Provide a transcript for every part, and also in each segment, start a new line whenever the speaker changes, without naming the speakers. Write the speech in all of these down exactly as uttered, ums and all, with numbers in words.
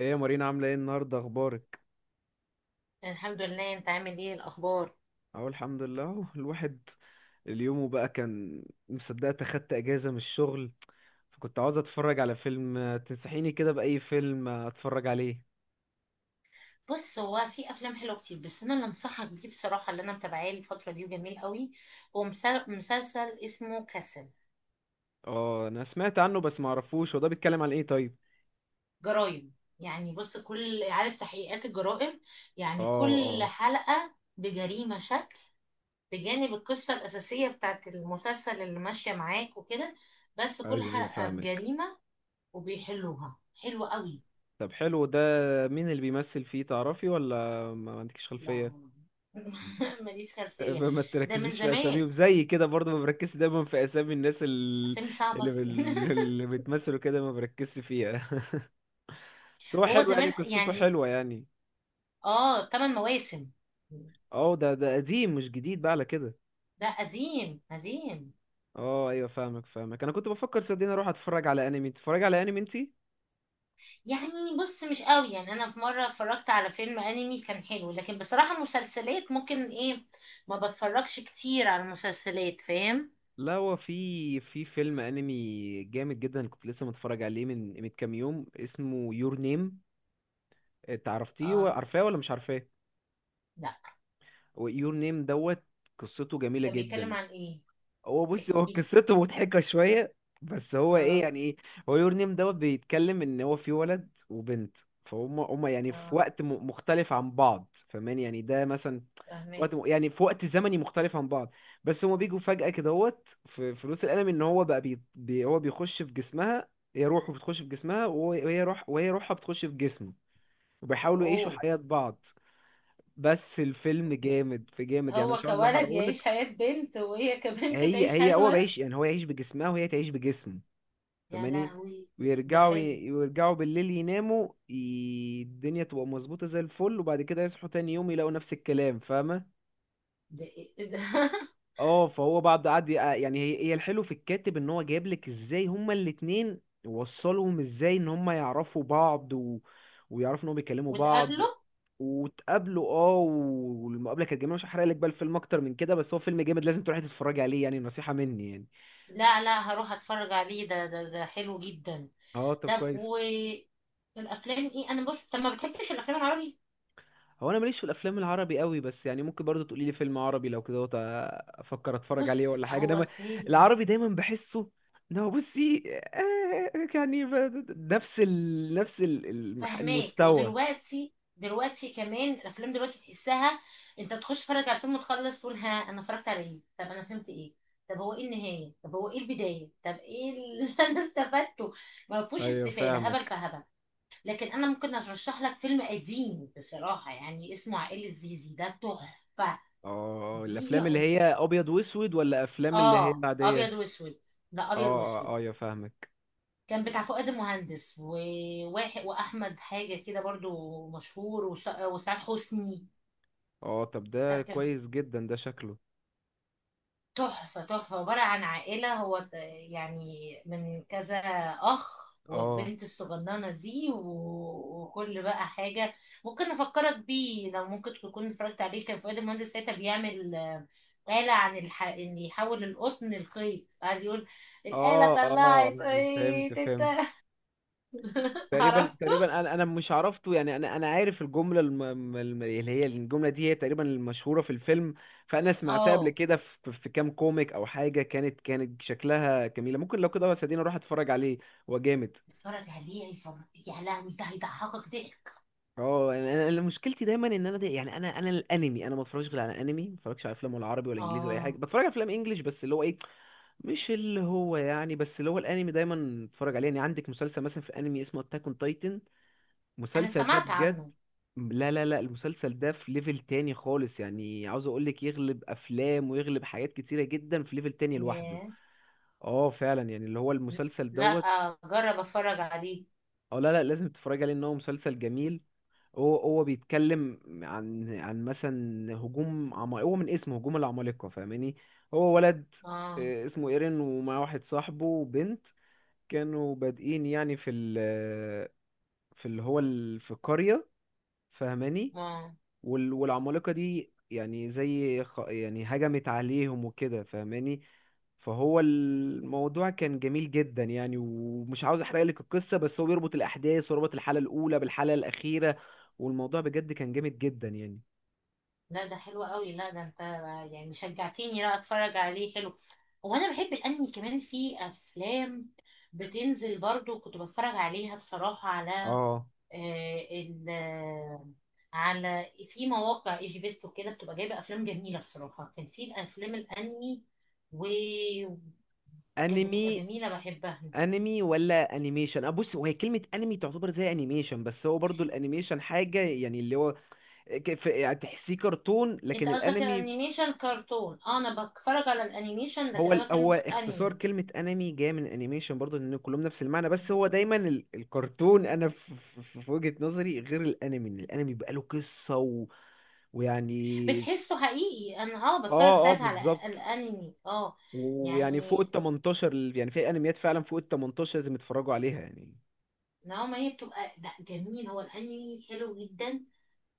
ايه يا مارينا، عاملة ايه النهاردة؟ اخبارك؟
الحمد لله، انت عامل ايه الاخبار؟
اهو الحمد لله اهو الواحد. اليوم بقى كان مصدقت اخدت اجازة من الشغل، فكنت عاوز اتفرج على فيلم. آه، تنصحيني كده بأي فيلم آه، اتفرج عليه؟
بص، هو في افلام حلوه كتير، بس انا اللي انصحك بيه بصراحه اللي انا متابعاه الفتره دي وجميل قوي. هو مسل- مسلسل اسمه كاسل.
اه انا سمعت عنه بس معرفوش، هو ده بيتكلم عن ايه طيب؟
جرايم. يعني بص، كل عارف تحقيقات الجرائم. يعني
اه
كل
اه.
حلقه بجريمه شكل بجانب القصه الاساسيه بتاعت المسلسل اللي ماشيه معاك وكده، بس كل
ايوه ايوه
حلقه
فاهمك.
بجريمه، وبيحلوها حلوه قوي.
طب حلو ده، مين اللي بيمثل فيه تعرفي ولا ما ما عندكيش
لا.
خلفية؟
ماليش
آه،
خلفيه،
ما ما
ده من
تركزيش في اساميهم،
زمان.
زي كده برضه ما بركزش دايما في اسامي الناس اللي
اسامي صعبه
اللي,
اصلا.
بال- اللي بتمثلوا كده، ما بركزش فيها. بس هو
وهو
حلو يعني،
زمان
قصته
يعني.
حلوة يعني.
اه، ثمان مواسم.
اه ده ده قديم مش جديد بقى على كده.
لا، قديم قديم.
اه ايوه فاهمك فاهمك، انا كنت بفكر صدقني اروح اتفرج على انمي. تتفرج على انمي انتي؟
يعني بص، مش قوي يعني. انا في مره اتفرجت على فيلم انمي كان حلو، لكن بصراحه مسلسلات ممكن ايه، ما بتفرجش كتير على المسلسلات، فاهم.
لا، هو في في فيلم انمي جامد جدا كنت لسه متفرج عليه من من كام يوم، اسمه يور نيم. تعرفتيه،
اه.
عارفاه ولا مش عارفاه؟
لا،
يور نيم دوت. قصته جميلة
ده بيتكلم
جدا.
عن ايه؟
هو بص، هو
احكي لي.
قصته مضحكة شوية، بس هو ايه
اه.
يعني ايه. هو يور نيم دوت بيتكلم ان هو في ولد وبنت، فهم هم يعني في
اه،
وقت م- مختلف عن بعض، فاهمان يعني؟ ده مثلا
فاهمه.
وقت م- يعني في وقت زمني مختلف عن بعض، بس هما بيجوا فجأة كدهوت في فلوس القلم ان هو بقى بي بي هو بيخش في جسمها. هي روحه بتخش في جسمها، وهو- وهي روح، وهي روحها بتخش في جسمه، وبيحاولوا يعيشوا
اوه.
حياة بعض. بس الفيلم
بس
جامد في جامد يعني،
هو
مش عاوز
كولد يعيش
احرقهولك.
حياه بنت، وهي كبنت
هي
تعيش
هي
حياه
هو
ولد.
بيعيش يعني هو يعيش بجسمها وهي تعيش بجسمه،
يا
فماني.
لهوي، ده
ويرجعوا
حلو.
ي- ويرجعوا بالليل يناموا ي- الدنيا تبقى مظبوطة زي الفل، وبعد كده يصحوا تاني يوم يلاقوا نفس الكلام، فاهمة؟
ده إيه ده؟
اه، فهو بعد قعد ي- يعني هي هي الحلو في الكاتب ان هو جايب لك ازاي هما الاتنين، وصلهم ازاي ان هما يعرفوا بعض، و... ويعرفوا ان هما بيكلموا بعض.
وتقابله.
وتقابلوا اه، و- والمقابله كانت جميله، مش هحرق لك بقى الفيلم اكتر من كده، بس هو فيلم جامد لازم تروحي تتفرجي عليه يعني، نصيحه مني يعني.
لا لا، هروح اتفرج عليه. ده ده ده حلو جدا.
اه طب
طب
كويس.
والافلام. ايه، انا بص، طب ما بتحبش الافلام العربي؟
هو انا ماليش في الافلام العربي قوي، بس يعني ممكن برضو تقولي لي فيلم عربي لو كده وت- افكر اتفرج عليه
بص
ولا حاجه.
هو
دايما
فيلم.
العربي دايما بحسه ان هو بصي، آه، يعني ب- نفس ال... نفس ال- المح-
فهماك،
المستوى.
ودلوقتي، دلوقتي كمان الافلام دلوقتي تحسها. انت تخش تتفرج على الفيلم وتخلص تقول ها، انا اتفرجت على ايه؟ طب انا فهمت ايه؟ طب هو ايه النهايه؟ طب هو ايه البدايه؟ طب ايه اللي انا استفدته؟ ما فيهوش
ايوه
استفاده، هبل
فاهمك.
فهبل. لكن انا ممكن ارشح لك فيلم قديم بصراحه، يعني اسمه عائله زيزي، ده تحفه.
اه،
دي.
الافلام اللي هي ابيض واسود ولا افلام اللي هي
اه، ابيض
العاديه؟
واسود. ده
اه
ابيض
اه آه،
واسود.
ايوه فاهمك.
كان بتاع فؤاد المهندس، وواحد واحمد حاجه كده برضو مشهور، وس- وسعاد حسني.
اه طب
لا،
ده
كان
كويس جدا ده شكله.
تحفه تحفه. عباره عن عائله، هو ت- يعني من كذا اخ،
اه
والبنت الصغننه دي، و- وكل بقى حاجه. ممكن افكرك بيه، لو ممكن تكون اتفرجت عليه. كان فؤاد المهندس ساعتها بيعمل آه، آلة عن الح... ان يحول القطن لخيط، قاعد يقول، الآلة
اه اه
طلعت
أيوة، فهمت
ايه.
فهمت. تقريبا
عرفته.
تقريبا انا انا مش عرفته يعني، انا انا عارف الجمله الم... الم- اللي هي الجمله دي هي تقريبا المشهوره في الفيلم، فانا سمعتها قبل
اه
كده في, في كام كوميك او حاجه، كانت كانت شكلها جميله ممكن لو كده، بس اديني اروح اتفرج عليه. هو جامد.
اتفرج عليه، هيفرج. يا لهوي، ده هيضحكك ضحك.
اه انا أنا- أنا مشكلتي دايما ان انا دي يعني، انا انا الانمي انا ما بتفرجش غير على انمي، ما بتفرجش على افلام ولا عربي ولا انجليزي ولا اي حاجه.
اه،
بتفرج على افلام انجليش بس اللي هو ايه، مش اللي هو يعني، بس اللي هو الانمي دايما اتفرج عليه يعني. عندك مسلسل مثلا في انمي اسمه اتاك اون تايتن،
انا
المسلسل ده
سمعت عنه.
بجد لا لا لا المسلسل ده في ليفل تاني خالص يعني، عاوز اقولك يغلب افلام ويغلب حاجات كتيرة جدا، في ليفل تاني لوحده.
ياه.
اه فعلا يعني، اللي هو المسلسل
لا
دوت.
جرب اتفرج عليه.
اه لا لا، لازم تتفرج عليه، ان هو مسلسل جميل. هو هو بيتكلم عن عن مثلا هجوم عم... هو من اسمه هجوم العمالقة، فاهماني؟ هو ولد
اه.
آه، اسمه ايرين ومعاه واحد صاحبه وبنت، كانوا بادئين يعني في ال في اللي هو ال... في القرية، فاهماني؟
ما.
وال- والعمالقة دي يعني زي خ- يعني هجمت عليهم وكده، فاهماني؟ فهو الموضوع كان جميل جدا يعني، ومش عاوز احرق لك القصة، بس هو بيربط الأحداث وربط الحلقة الأولى بالحلقة الأخيرة، والموضوع بجد كان جامد جدا يعني.
لا، ده حلو قوي. لا، ده انت يعني شجعتيني لا اتفرج عليه. حلو. وانا بحب الانمي كمان. في افلام بتنزل برضو كنت بتفرج عليها بصراحة. على
اه
آه، ال آه، على في مواقع ايجي بيست وكده، بتبقى جايبه افلام جميله بصراحه. كان في الافلام الانمي، وكانت بتبقى
انمي.
جميله بحبها.
انمي ولا انيميشن؟ اه بص، هو هي كلمة انمي تعتبر زي انيميشن، بس هو برضو الانيميشن حاجة يعني، اللي هو ك- في- يعني تحسيه كرتون،
انت
لكن
قصدك
الانمي
الانيميشن كرتون. اه، انا بتفرج على الانيميشن، لكن
هو ال-
انا بتكلم
هو
فيه
اختصار
انمي.
كلمة انمي جاية من انيميشن برضه، لان كلهم نفس المعنى، بس هو دايما ال- الكرتون انا في, في, في وجهة نظري غير الانمي، إن الانمي بقى له قصة، و... ويعني
بتحسه حقيقي. انا اه
اه
بتفرج
اه
ساعات على
بالظبط.
الانمي اه.
ويعني فوق
يعني
ال تمنتاشر ال- يعني في انميات فعلا فوق ال تمنتاشر لازم يتفرجوا عليها يعني.
نوعا ما هي بتبقى، لا جميل، هو الانمي حلو جدا.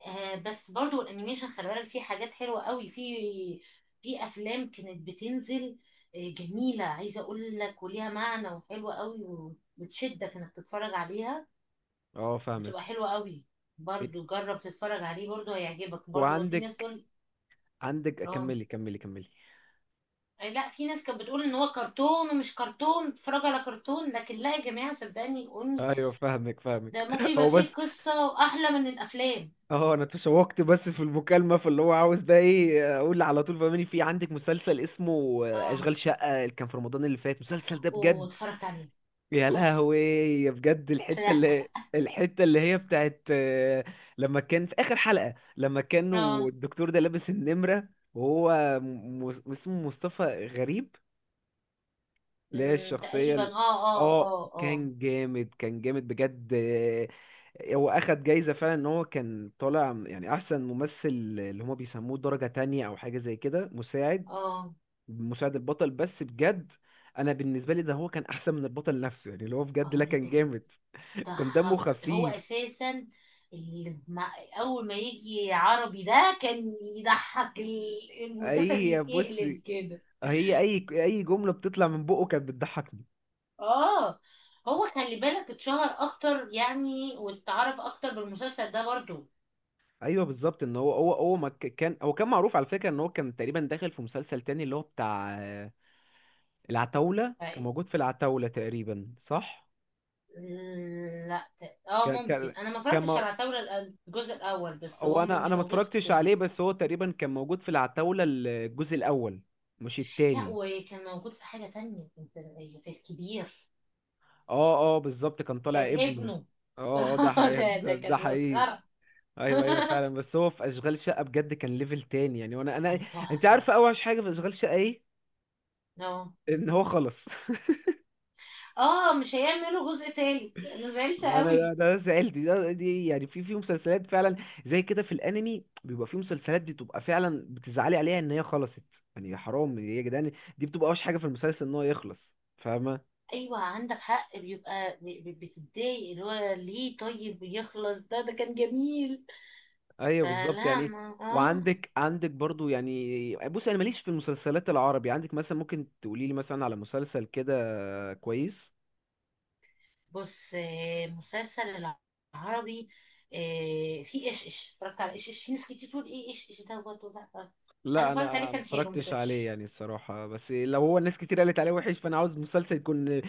آه، بس برضو الانيميشن خلي بالك فيه حاجات حلوه قوي. في في افلام كانت بتنزل آه جميله، عايزه اقول لك، وليها معنى، وحلوه قوي، وبتشدك انك تتفرج عليها.
اه
بتبقى
فاهمك.
حلوه قوي.
إيه،
برضو جرب تتفرج عليه، برضو هيعجبك. برضو ما في ناس
وعندك
تقول
عندك
اه.
كملي كملي كملي.
آه، لا، في ناس كانت بتقول ان هو كرتون، ومش كرتون تتفرج على كرتون، لكن لا يا جماعه، صدقني قولني،
ايوه فاهمك فاهمك
ده ممكن يبقى
هو
فيه
بس
قصه واحلى من الافلام.
اه انا تشوقت، بس في المكالمه فاللي هو عاوز بقى ايه اقول على طول، فاهمني؟ في عندك مسلسل اسمه
اه.
اشغال شقه اللي كان في رمضان اللي فات، المسلسل ده بجد،
واتفرجت عليه.
يا
تحفه.
لهوي. يا بجد الحته
لا.
اللي، الحته اللي هي بتاعت آه، لما كان في اخر حلقه لما كانوا
اه.
الدكتور ده لابس النمره وهو م- م- اسمه مصطفى غريب، اللي هي
مم،
الشخصية
تقريبا.
ال-
اه اه
اه،
اه اه.
كان جامد كان جامد بجد آه، هو اخد جايزة فعلا، ان هو كان طالع يعني احسن ممثل، اللي هما بيسموه درجة تانية او حاجة زي كده، مساعد.
اه.
مساعد البطل، بس بجد انا بالنسبة لي ده هو كان احسن من البطل نفسه يعني، اللي هو بجد لا
اقول لك
كان
ده كان
جامد. كان دمه
ضحك هو
خفيف.
اساسا. اللي مع اول ما يجي عربي ده كان يضحك، ال- المسلسل
اي بص،
يتقلب كده.
هي اي اي جملة بتطلع من بقه كانت بتضحكني.
اه. هو خلي بالك اتشهر اكتر يعني، واتعرف اكتر بالمسلسل ده برضو.
ايوه بالظبط، ان هو هو هو ما ك- كان هو كان معروف على فكره، ان هو كان تقريبا داخل في مسلسل تاني، اللي هو بتاع العتاولة، كان
ف-
موجود في العتاولة تقريبا صح؟
لا، ت- اه،
كان كان
ممكن. انا ما
كان
اتفرجتش على
مو...
عتاولة الأ- الجزء الاول، بس هو
هو انا انا
مش
ما
موجود في
اتفرجتش
التاني.
عليه، بس هو تقريبا كان موجود في العتاولة الجزء الاول مش
لا،
التاني.
وكان موجود في حاجة تانية انت، في الكبير.
اه اه بالظبط، كان طالع
كان
ابنه.
ابنه.
اه اه ده حقيقي
ده ده
ده, ده
كانت
حقيقي.
مسخرة.
ايوه ايوه فعلا. بس هو في اشغال شقة بجد كان ليفل تاني يعني، وانا انا
كان
انت
تحفة.
عارفة اوحش حاجة في اشغال شقة ايه؟
اه
ان هو خلص.
اه، مش هيعملوا جزء تالت، انا زعلت
وانا ده
قوي.
ده سألت ده دي يعني، في في مسلسلات فعلا زي كده في الانمي، بيبقى في مسلسلات بتبقى فعلا بتزعلي عليها ان هي خلصت، يعني يا حرام يا جدعان. دي بتبقى اوحش حاجه في المسلسل ان هو يخلص، فاهمه؟
ايوه، عندك حق، بيبقى ب- ب- بتتضايق اللي هو ليه طيب يخلص، ده ده كان جميل.
ايوه بالظبط
فلا
يعني.
ما اه.
وعندك عندك برضو يعني بص، انا ماليش في المسلسلات العربي، عندك مثلا ممكن تقولي لي مثلا على مسلسل كده كويس؟
بص، آه، مسلسل العربي. آه، في ايش ايش. اتفرجت على ايش ايش؟ في ناس كتير تقول ايه ايش ايش دوت وده. انا
لا
اتفرجت
انا
عليه،
ما
كان حلو مش
اتفرجتش عليه
وحش.
يعني الصراحه، بس لو هو الناس كتير قالت عليه وحش فانا عاوز مسلسل يكون ال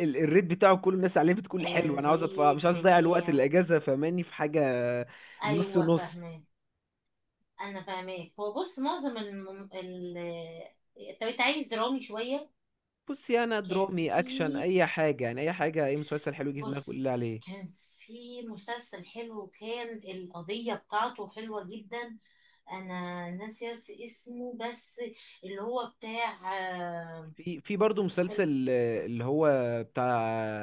ال الريت بتاعه كل الناس عليه بتكون حلو. انا عاوز أتف... مش
الريت
عاوز اضيع الوقت
بتاعه.
الاجازه فماني في حاجه نص
ايوه
نص.
فاهمه. انا فاهماك. هو بص معظم الم... ال... طب انت عايز درامي شويه؟
بصي انا
كان
درامي
في،
اكشن اي حاجه يعني، اي حاجه اي مسلسل حلو يجي في دماغك قول لي
بص،
عليه.
كان في مسلسل حلو، كان القضيه بتاعته حلوه جدا. انا ناسيه اس- اسمه بس. اللي هو بتاع آه،
في في برضه
ال-
مسلسل آه، اللي هو بتاع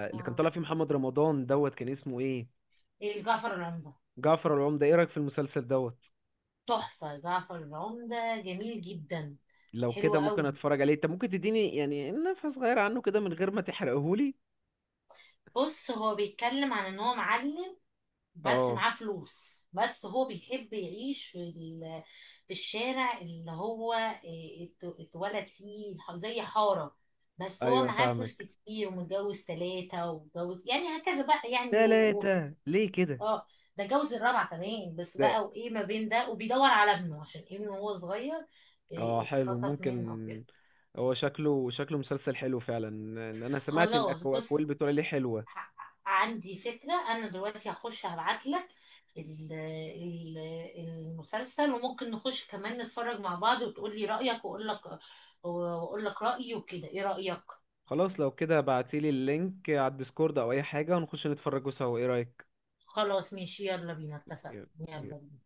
اللي كان
آه،
طالع فيه محمد رمضان دوت كان اسمه ايه؟
الجعفر العمده.
جعفر العمدة، ايه رايك في المسلسل دوت؟
تحفه، جعفر العمده جميل جدا.
لو
حلو
كده ممكن
قوي.
اتفرج عليه، انت ممكن تديني يعني نفحة صغيرة عنه كده من غير ما تحرقهولي.
بص، هو بيتكلم عن ان هو معلم، بس
اه
معاه فلوس، بس هو بيحب يعيش في ال- في الشارع اللي هو إيه، ات- اتولد فيه، ح- زي حارة. بس هو
ايوه
معاه فلوس
فاهمك.
كتير، ومتجوز ثلاثة، ومتجوز يعني هكذا بقى يعني و... و...
تلاتة ليه كده؟
اه، ده جوز الرابعة كمان بس
ده
بقى، وايه ما بين ده، وبيدور على ابنه، عشان ابنه وهو صغير
اه
إيه،
حلو
اتخطف
ممكن،
منه او كده.
هو شكله شكله مسلسل حلو فعلا، ان انا سمعت ان
خلاص
الأكو- الاكوال
بص،
بتقول عليه حلوة.
ع- عندي فكرة. أنا دلوقتي هخش هبعت لك المسلسل، وممكن نخش كمان نتفرج مع بعض، وتقول لي رأيك، وأقول لك، وأقول لك رأيي وكده، إيه رأيك؟
خلاص لو كده بعتيلي اللينك على الديسكورد او اي حاجة ونخش نتفرجوا سوا، ايه رأيك؟
خلاص ماشي، يلا بينا، اتفقنا. يلا بينا.